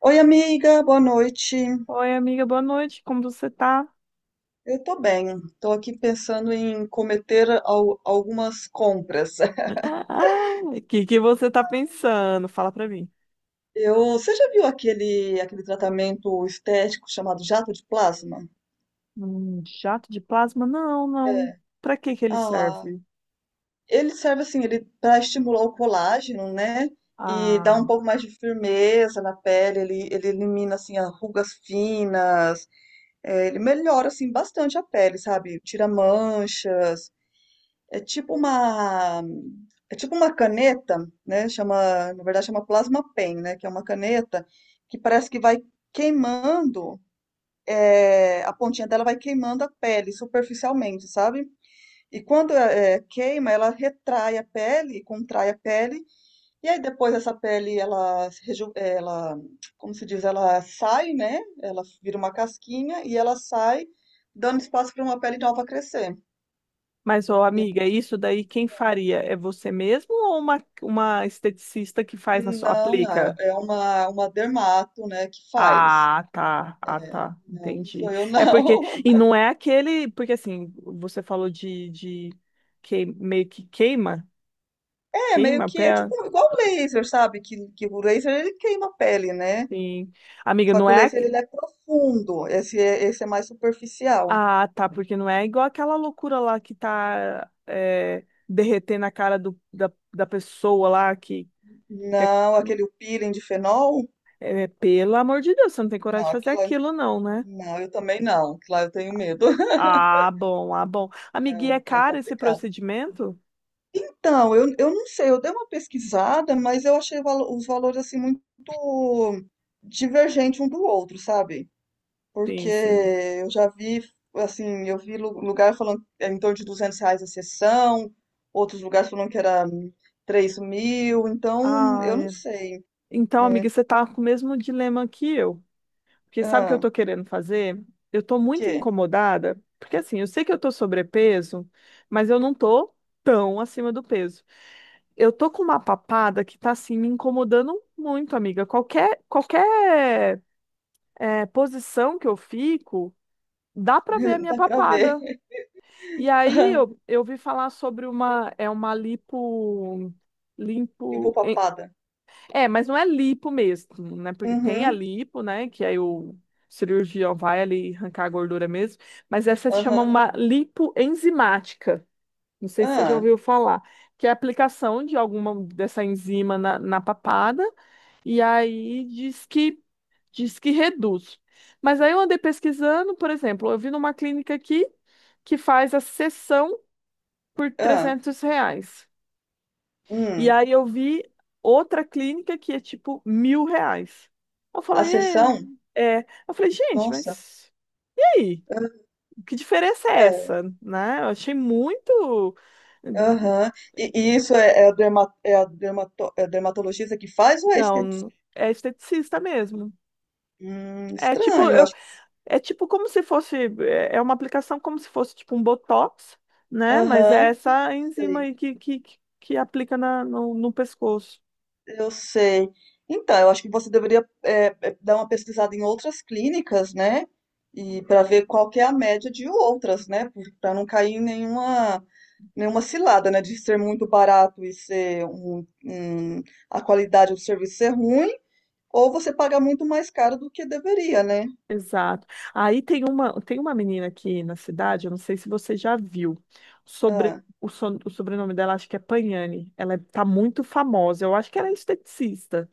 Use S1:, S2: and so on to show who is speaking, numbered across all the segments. S1: Oi, amiga, boa noite.
S2: Oi, amiga, boa noite. Como você tá?
S1: Eu tô bem. Tô aqui pensando em cometer algumas compras.
S2: O que que você tá pensando? Fala pra mim.
S1: Você já viu aquele tratamento estético chamado jato de plasma?
S2: Um jato de plasma? Não.
S1: É.
S2: Pra que que ele
S1: Ah,
S2: serve?
S1: ele serve assim, ele para estimular o colágeno, né? E dá
S2: Ah,
S1: um pouco mais de firmeza na pele, ele elimina assim as rugas finas, é, ele melhora assim bastante a pele, sabe? Tira manchas. É tipo uma, é tipo uma caneta, né? Chama, na verdade chama plasma pen, né? Que é uma caneta que parece que vai queimando, a pontinha dela vai queimando a pele superficialmente, sabe? E quando queima, ela retrai a pele, contrai a pele, e aí depois essa pele, ela, se reju- é, ela, como se diz, ela sai, né? Ela vira uma casquinha e ela sai, dando espaço para uma pele nova crescer.
S2: mas ô, amiga, isso daí quem faria? É você mesmo ou uma esteticista que faz na sua
S1: Não, não, é
S2: aplica?
S1: é uma dermato, né, que faz.
S2: Ah, tá. Ah, tá.
S1: Não, não
S2: Entendi.
S1: sou eu,
S2: É porque
S1: não.
S2: e não é aquele, porque assim, você falou de que meio que queima,
S1: É,
S2: queima
S1: meio
S2: a
S1: que
S2: pé,
S1: é tipo igual o laser, sabe? Que o laser ele queima a pele, né?
S2: sim. Amiga,
S1: Só
S2: não
S1: que o
S2: é.
S1: laser ele é profundo, esse é mais superficial.
S2: Ah, tá, porque não é igual aquela loucura lá que tá derretendo a cara da pessoa lá que é,
S1: Não, aquele peeling de fenol,
S2: é, pelo amor de Deus, você não tem coragem
S1: não,
S2: de fazer
S1: aquilo lá,
S2: aquilo, não, né?
S1: não, eu também não, aquilo lá eu tenho medo,
S2: Ah, bom, ah, bom. Amiguinha, é
S1: aquilo lá é
S2: caro esse
S1: complicado.
S2: procedimento?
S1: Então, eu não sei, eu dei uma pesquisada, mas eu achei os valores assim muito divergente um do outro, sabe? Porque
S2: Sim, sim.
S1: eu já vi, assim, eu vi lugar falando que era em torno de R$ 200 a sessão, outros lugares falando que era 3.000, então
S2: Ah,
S1: eu não
S2: é.
S1: sei,
S2: Então, amiga,
S1: né?
S2: você tá com o mesmo dilema que eu. Porque sabe o que eu
S1: Ah,
S2: tô querendo fazer? Eu tô muito
S1: que?
S2: incomodada, porque assim, eu sei que eu tô sobrepeso, mas eu não tô tão acima do peso. Eu tô com uma papada que tá assim me incomodando muito, amiga. Qualquer posição que eu fico, dá pra ver a minha
S1: Dá pra ver.
S2: papada. E aí eu, eu vi falar sobre uma uma lipo
S1: Pipo
S2: limpo
S1: papada.
S2: mas não é lipo mesmo, né? Porque tem a
S1: Uhum.
S2: lipo, né? Que aí o cirurgião vai ali arrancar a gordura mesmo. Mas essa se chama
S1: Aham.
S2: uma lipoenzimática. Não sei se você já
S1: Ah,
S2: ouviu falar. Que é a aplicação de alguma dessa enzima na papada. E aí diz que reduz. Mas aí eu andei pesquisando, por exemplo, eu vi numa clínica aqui que faz a sessão por
S1: ah,
S2: R$ 300. E
S1: hum.
S2: aí eu vi outra clínica que é tipo R$ 1.000. Eu
S1: A
S2: falei,
S1: sessão?
S2: é, é. Eu falei, gente,
S1: Nossa,
S2: mas e aí? Que diferença é
S1: é,
S2: essa? Né? Eu achei muito.
S1: é, aham. E isso é, é a derma, é a dermato, é a dermatologista que faz ou é
S2: Não,
S1: esteticista?
S2: é esteticista mesmo. É tipo,
S1: Estranho, eu
S2: eu,
S1: acho.
S2: é tipo como se fosse, é uma aplicação como se fosse tipo um Botox, né? Mas é
S1: Aham,
S2: essa enzima
S1: sei.
S2: aí que aplica na, no, no pescoço.
S1: Eu sei. Então, eu acho que você deveria dar uma pesquisada em outras clínicas, né? E para ver qual que é a média de outras, né? Para não cair em nenhuma, nenhuma cilada, né? De ser muito barato e ser a qualidade do serviço ser ruim, ou você pagar muito mais caro do que deveria, né?
S2: Exato. Aí tem tem uma menina aqui na cidade, eu não sei se você já viu. Sobre,
S1: Ah,
S2: o sobrenome dela acho que é Pagnani. Ela é- tá muito famosa. Eu acho que ela é esteticista,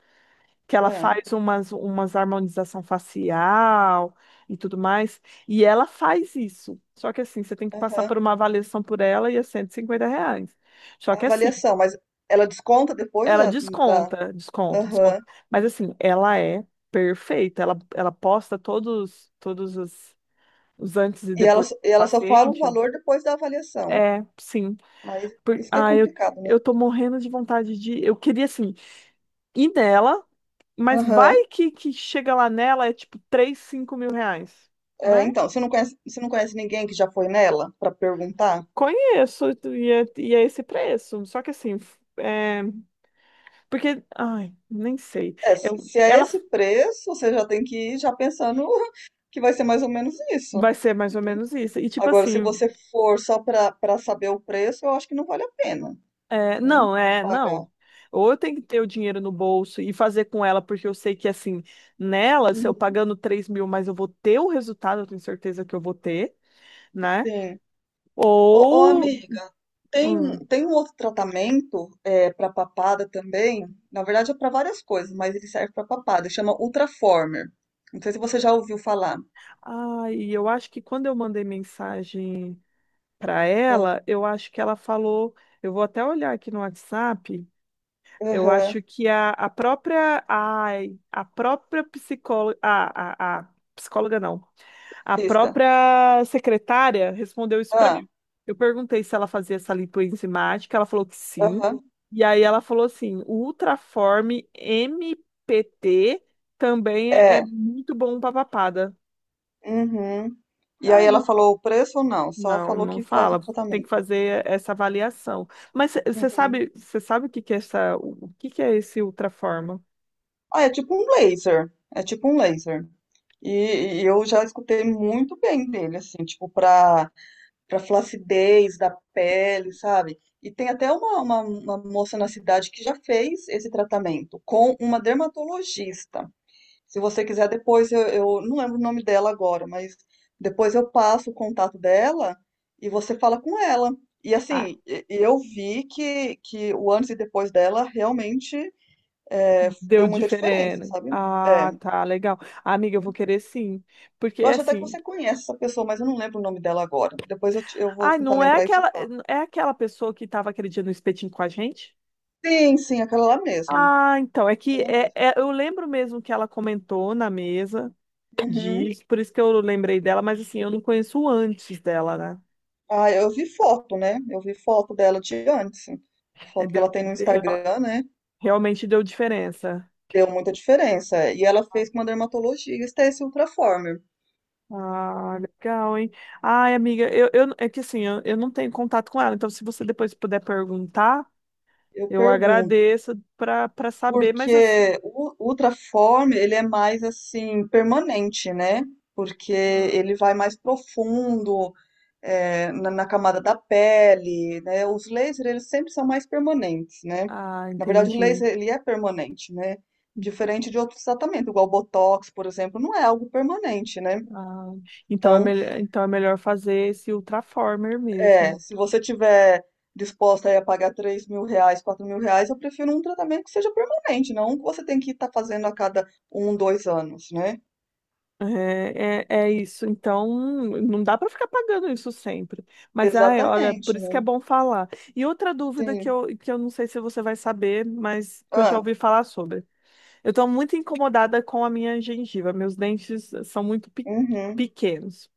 S2: que ela
S1: ah,
S2: faz umas harmonização facial e tudo mais, e ela faz isso. Só que assim, você tem que passar
S1: aham.
S2: por uma avaliação por ela e é R$ 150. Só
S1: A
S2: que assim,
S1: avaliação, mas ela desconta depois
S2: ela
S1: da. da-
S2: desconta, desconta,
S1: Aham.
S2: desconta. Mas assim, ela é perfeita. Ela posta todos os antes e depois do
S1: E ela só fala o
S2: paciente?
S1: valor depois da avaliação.
S2: É, sim.
S1: Mas
S2: Por-
S1: isso que é
S2: ah, eu,
S1: complicado, né?
S2: eu tô morrendo de vontade de. Eu queria, assim, ir nela, mas
S1: Aham.
S2: vai que chega lá nela é tipo R$ 3 a R$ 5 mil,
S1: É,
S2: né?
S1: então, você não conhece ninguém que já foi nela para perguntar?
S2: Conheço, e e é esse preço. Só que assim, porque. Ai, nem sei.
S1: É, se
S2: Eu,
S1: se é
S2: ela
S1: esse preço, você já tem que ir já pensando que vai ser mais ou menos isso,
S2: vai ser mais ou
S1: né?
S2: menos isso. E tipo
S1: Agora, se
S2: assim.
S1: você for só para para saber o preço, eu acho que não vale a pena
S2: É,
S1: pagar.
S2: não. Ou eu tenho que ter o dinheiro no bolso e fazer com ela, porque eu sei que, assim, nela, se eu
S1: Uhum.
S2: pagando 3.000, mas eu vou ter o resultado, eu tenho certeza que eu vou ter, né?
S1: Sim. Ô, ô,
S2: Ou.
S1: amiga, tem,
S2: Hum,
S1: tem um outro tratamento é, para papada também. Na verdade, é para várias coisas, mas ele serve para papada. Chama Ultraformer. Não sei se você já ouviu falar.
S2: ai, eu acho que quando eu mandei mensagem para ela, eu acho que ela falou. Eu vou até olhar aqui no WhatsApp. Eu acho
S1: Aham.
S2: que a própria. Ai, a própria psicóloga. A psicóloga não. A
S1: Pista.
S2: própria secretária respondeu isso para mim.
S1: Ah,
S2: Eu perguntei se ela fazia essa lipoenzimática, ela falou que sim.
S1: aham.
S2: E aí ela falou assim: o Ultraform MPT também é
S1: É,
S2: muito bom para papada.
S1: uhum. E aí
S2: Ai,
S1: ela
S2: não,
S1: falou o preço ou não? Só
S2: não,
S1: falou
S2: não
S1: que faz o
S2: fala. Tem
S1: tratamento.
S2: que fazer essa avaliação. Mas
S1: Uhum.
S2: você sabe o que que é essa, o que que é esse Ultraform?
S1: Ah, é tipo um laser. É tipo um laser. E eu já escutei muito bem dele, assim, tipo, pra, pra flacidez da pele, sabe? E tem até uma moça na cidade que já fez esse tratamento com uma dermatologista. Se você quiser, depois eu não lembro o nome dela agora, mas depois eu passo o contato dela e você fala com ela. E
S2: Ah,
S1: assim, e eu vi que o antes e depois dela realmente é,
S2: deu
S1: deu muita diferença,
S2: diferente.
S1: sabe? É,
S2: Ah,
S1: eu
S2: tá, legal. Amiga, eu vou querer sim. Porque
S1: acho até que
S2: assim,
S1: você conhece essa pessoa, mas eu não lembro o nome dela agora. Depois eu vou
S2: ai,
S1: tentar
S2: não é
S1: lembrar e te
S2: aquela,
S1: falo.
S2: é aquela pessoa que estava aquele dia no espetinho com a gente?
S1: Sim, sim, aquela lá mesmo.
S2: Ah, então,
S1: Aquela mesmo.
S2: eu lembro mesmo que ela comentou na mesa.
S1: Uhum.
S2: Diz, por isso que eu lembrei dela, mas assim, eu não conheço o antes dela, né?
S1: Ah, eu vi foto, né? Eu vi foto dela de antes.
S2: É,
S1: Foto que
S2: deu-
S1: ela tem no
S2: real-
S1: Instagram, né?
S2: realmente deu diferença.
S1: Deu muita diferença. E ela fez com uma dermatologista esse Ultraformer.
S2: Ah,
S1: Hum.
S2: legal, hein? Ai, amiga, eu, é que assim, eu não tenho contato com ela, então se você depois puder perguntar,
S1: Eu
S2: eu
S1: pergunto,
S2: agradeço para saber, mas assim,
S1: porque o Ultraformer, ele é mais assim, permanente, né? Porque ele vai mais profundo, é, na, na camada da pele, né? Os lasers, eles sempre são mais permanentes, né?
S2: ah,
S1: Na verdade, o
S2: entendi.
S1: laser, ele é permanente, né? Diferente de outros tratamentos, igual o Botox, por exemplo, não é algo permanente, né?
S2: Ah,
S1: Então,
S2: então é melhor fazer esse Ultraformer mesmo.
S1: é, se você tiver disposta aí a pagar R$ 3.000, R$ 4.000, eu prefiro um tratamento que seja permanente, não um que você tem que estar fazendo a cada um, 2 anos, né?
S2: É isso. Então, não dá para ficar pagando isso sempre. Mas, ai, olha, por
S1: Exatamente,
S2: isso que é
S1: né?
S2: bom falar. E outra dúvida
S1: Sim.
S2: que eu não sei se você vai saber, mas que eu já
S1: Ah,
S2: ouvi falar sobre. Eu estou muito incomodada com a minha gengiva. Meus dentes são muito
S1: uhum.
S2: pequenos.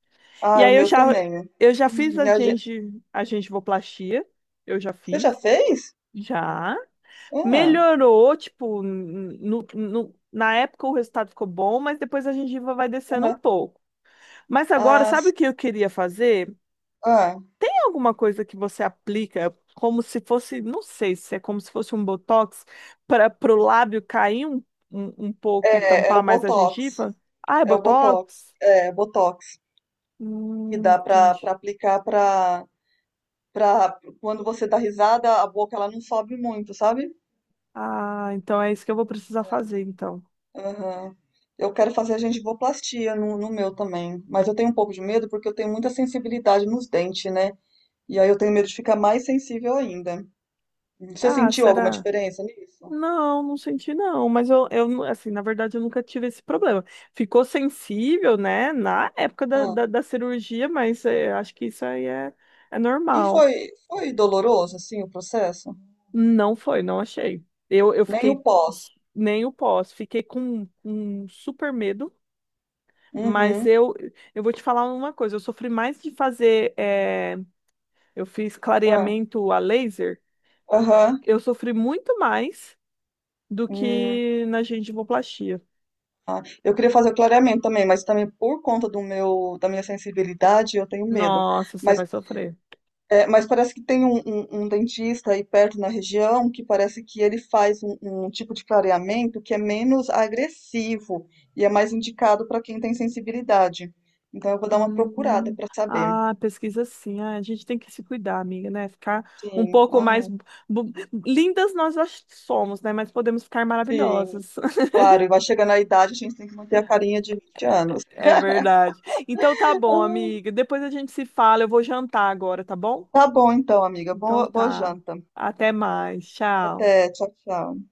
S2: E
S1: Ah, o
S2: aí
S1: meu também, né?
S2: eu já fiz
S1: Uhum.
S2: a
S1: A gen-
S2: a gengivoplastia. Eu já
S1: Você já
S2: fiz.
S1: fez?
S2: Já.
S1: Ah,
S2: Melhorou, tipo, na época o resultado ficou bom, mas depois a gengiva vai descendo um
S1: aham.
S2: pouco. Mas agora,
S1: Ah,
S2: sabe o
S1: s-
S2: que eu queria fazer?
S1: ah.
S2: Tem alguma coisa que você aplica como se fosse, não sei se é como se fosse um botox para o lábio cair um pouco e
S1: É, é
S2: tampar
S1: o
S2: mais a
S1: Botox.
S2: gengiva? Ah, é
S1: É o Botox.
S2: botox?
S1: É, Botox. Que dá pra,
S2: Entendi.
S1: pra aplicar pra, pra... Quando você dá risada, a boca ela não sobe muito, sabe?
S2: Ah, então é isso que eu vou precisar fazer, então.
S1: Aham. Eu quero fazer gengivoplastia no meu também, mas eu tenho um pouco de medo porque eu tenho muita sensibilidade nos dentes, né? E aí eu tenho medo de ficar mais sensível ainda. Você
S2: Ah,
S1: sentiu alguma
S2: será?
S1: diferença nisso?
S2: Não, não senti não, mas assim, na verdade eu nunca tive esse problema. Ficou sensível, né, na
S1: Ah,
S2: da cirurgia, mas acho que isso aí é
S1: e
S2: normal.
S1: foi, foi doloroso, assim, o processo?
S2: Não foi, não achei. Eu
S1: Nem
S2: fiquei
S1: o pós.
S2: nem o pós, fiquei com um super medo, mas
S1: Uhum.
S2: eu vou te falar uma coisa, eu sofri mais de fazer, eu fiz
S1: Ah,
S2: clareamento a laser,
S1: aham.
S2: eu sofri muito mais do
S1: Hum,
S2: que na gengivoplastia.
S1: ah. Eu queria fazer o clareamento também, mas também por conta do meu, da minha sensibilidade, eu tenho medo.
S2: Nossa, você
S1: Mas
S2: vai sofrer.
S1: é, mas parece que tem um dentista aí perto na região que parece que ele faz um, um tipo de clareamento que é menos agressivo e é mais indicado para quem tem sensibilidade. Então eu vou dar uma procurada
S2: Hum,
S1: para saber.
S2: ah, pesquisa sim. Ah, a gente tem que se cuidar, amiga, né? Ficar um
S1: Sim,
S2: pouco mais
S1: ai,
S2: bu- lindas nós já somos, né? Mas podemos ficar
S1: sim,
S2: maravilhosas.
S1: claro. E vai chegando a idade, a gente tem que manter a carinha de 20 anos.
S2: É verdade. Então tá bom, amiga. Depois a gente se fala. Eu vou jantar agora, tá bom?
S1: Tá bom então, amiga.
S2: Então
S1: Boa, boa
S2: tá.
S1: janta.
S2: Até mais. Tchau.
S1: Até, tchau, tchau.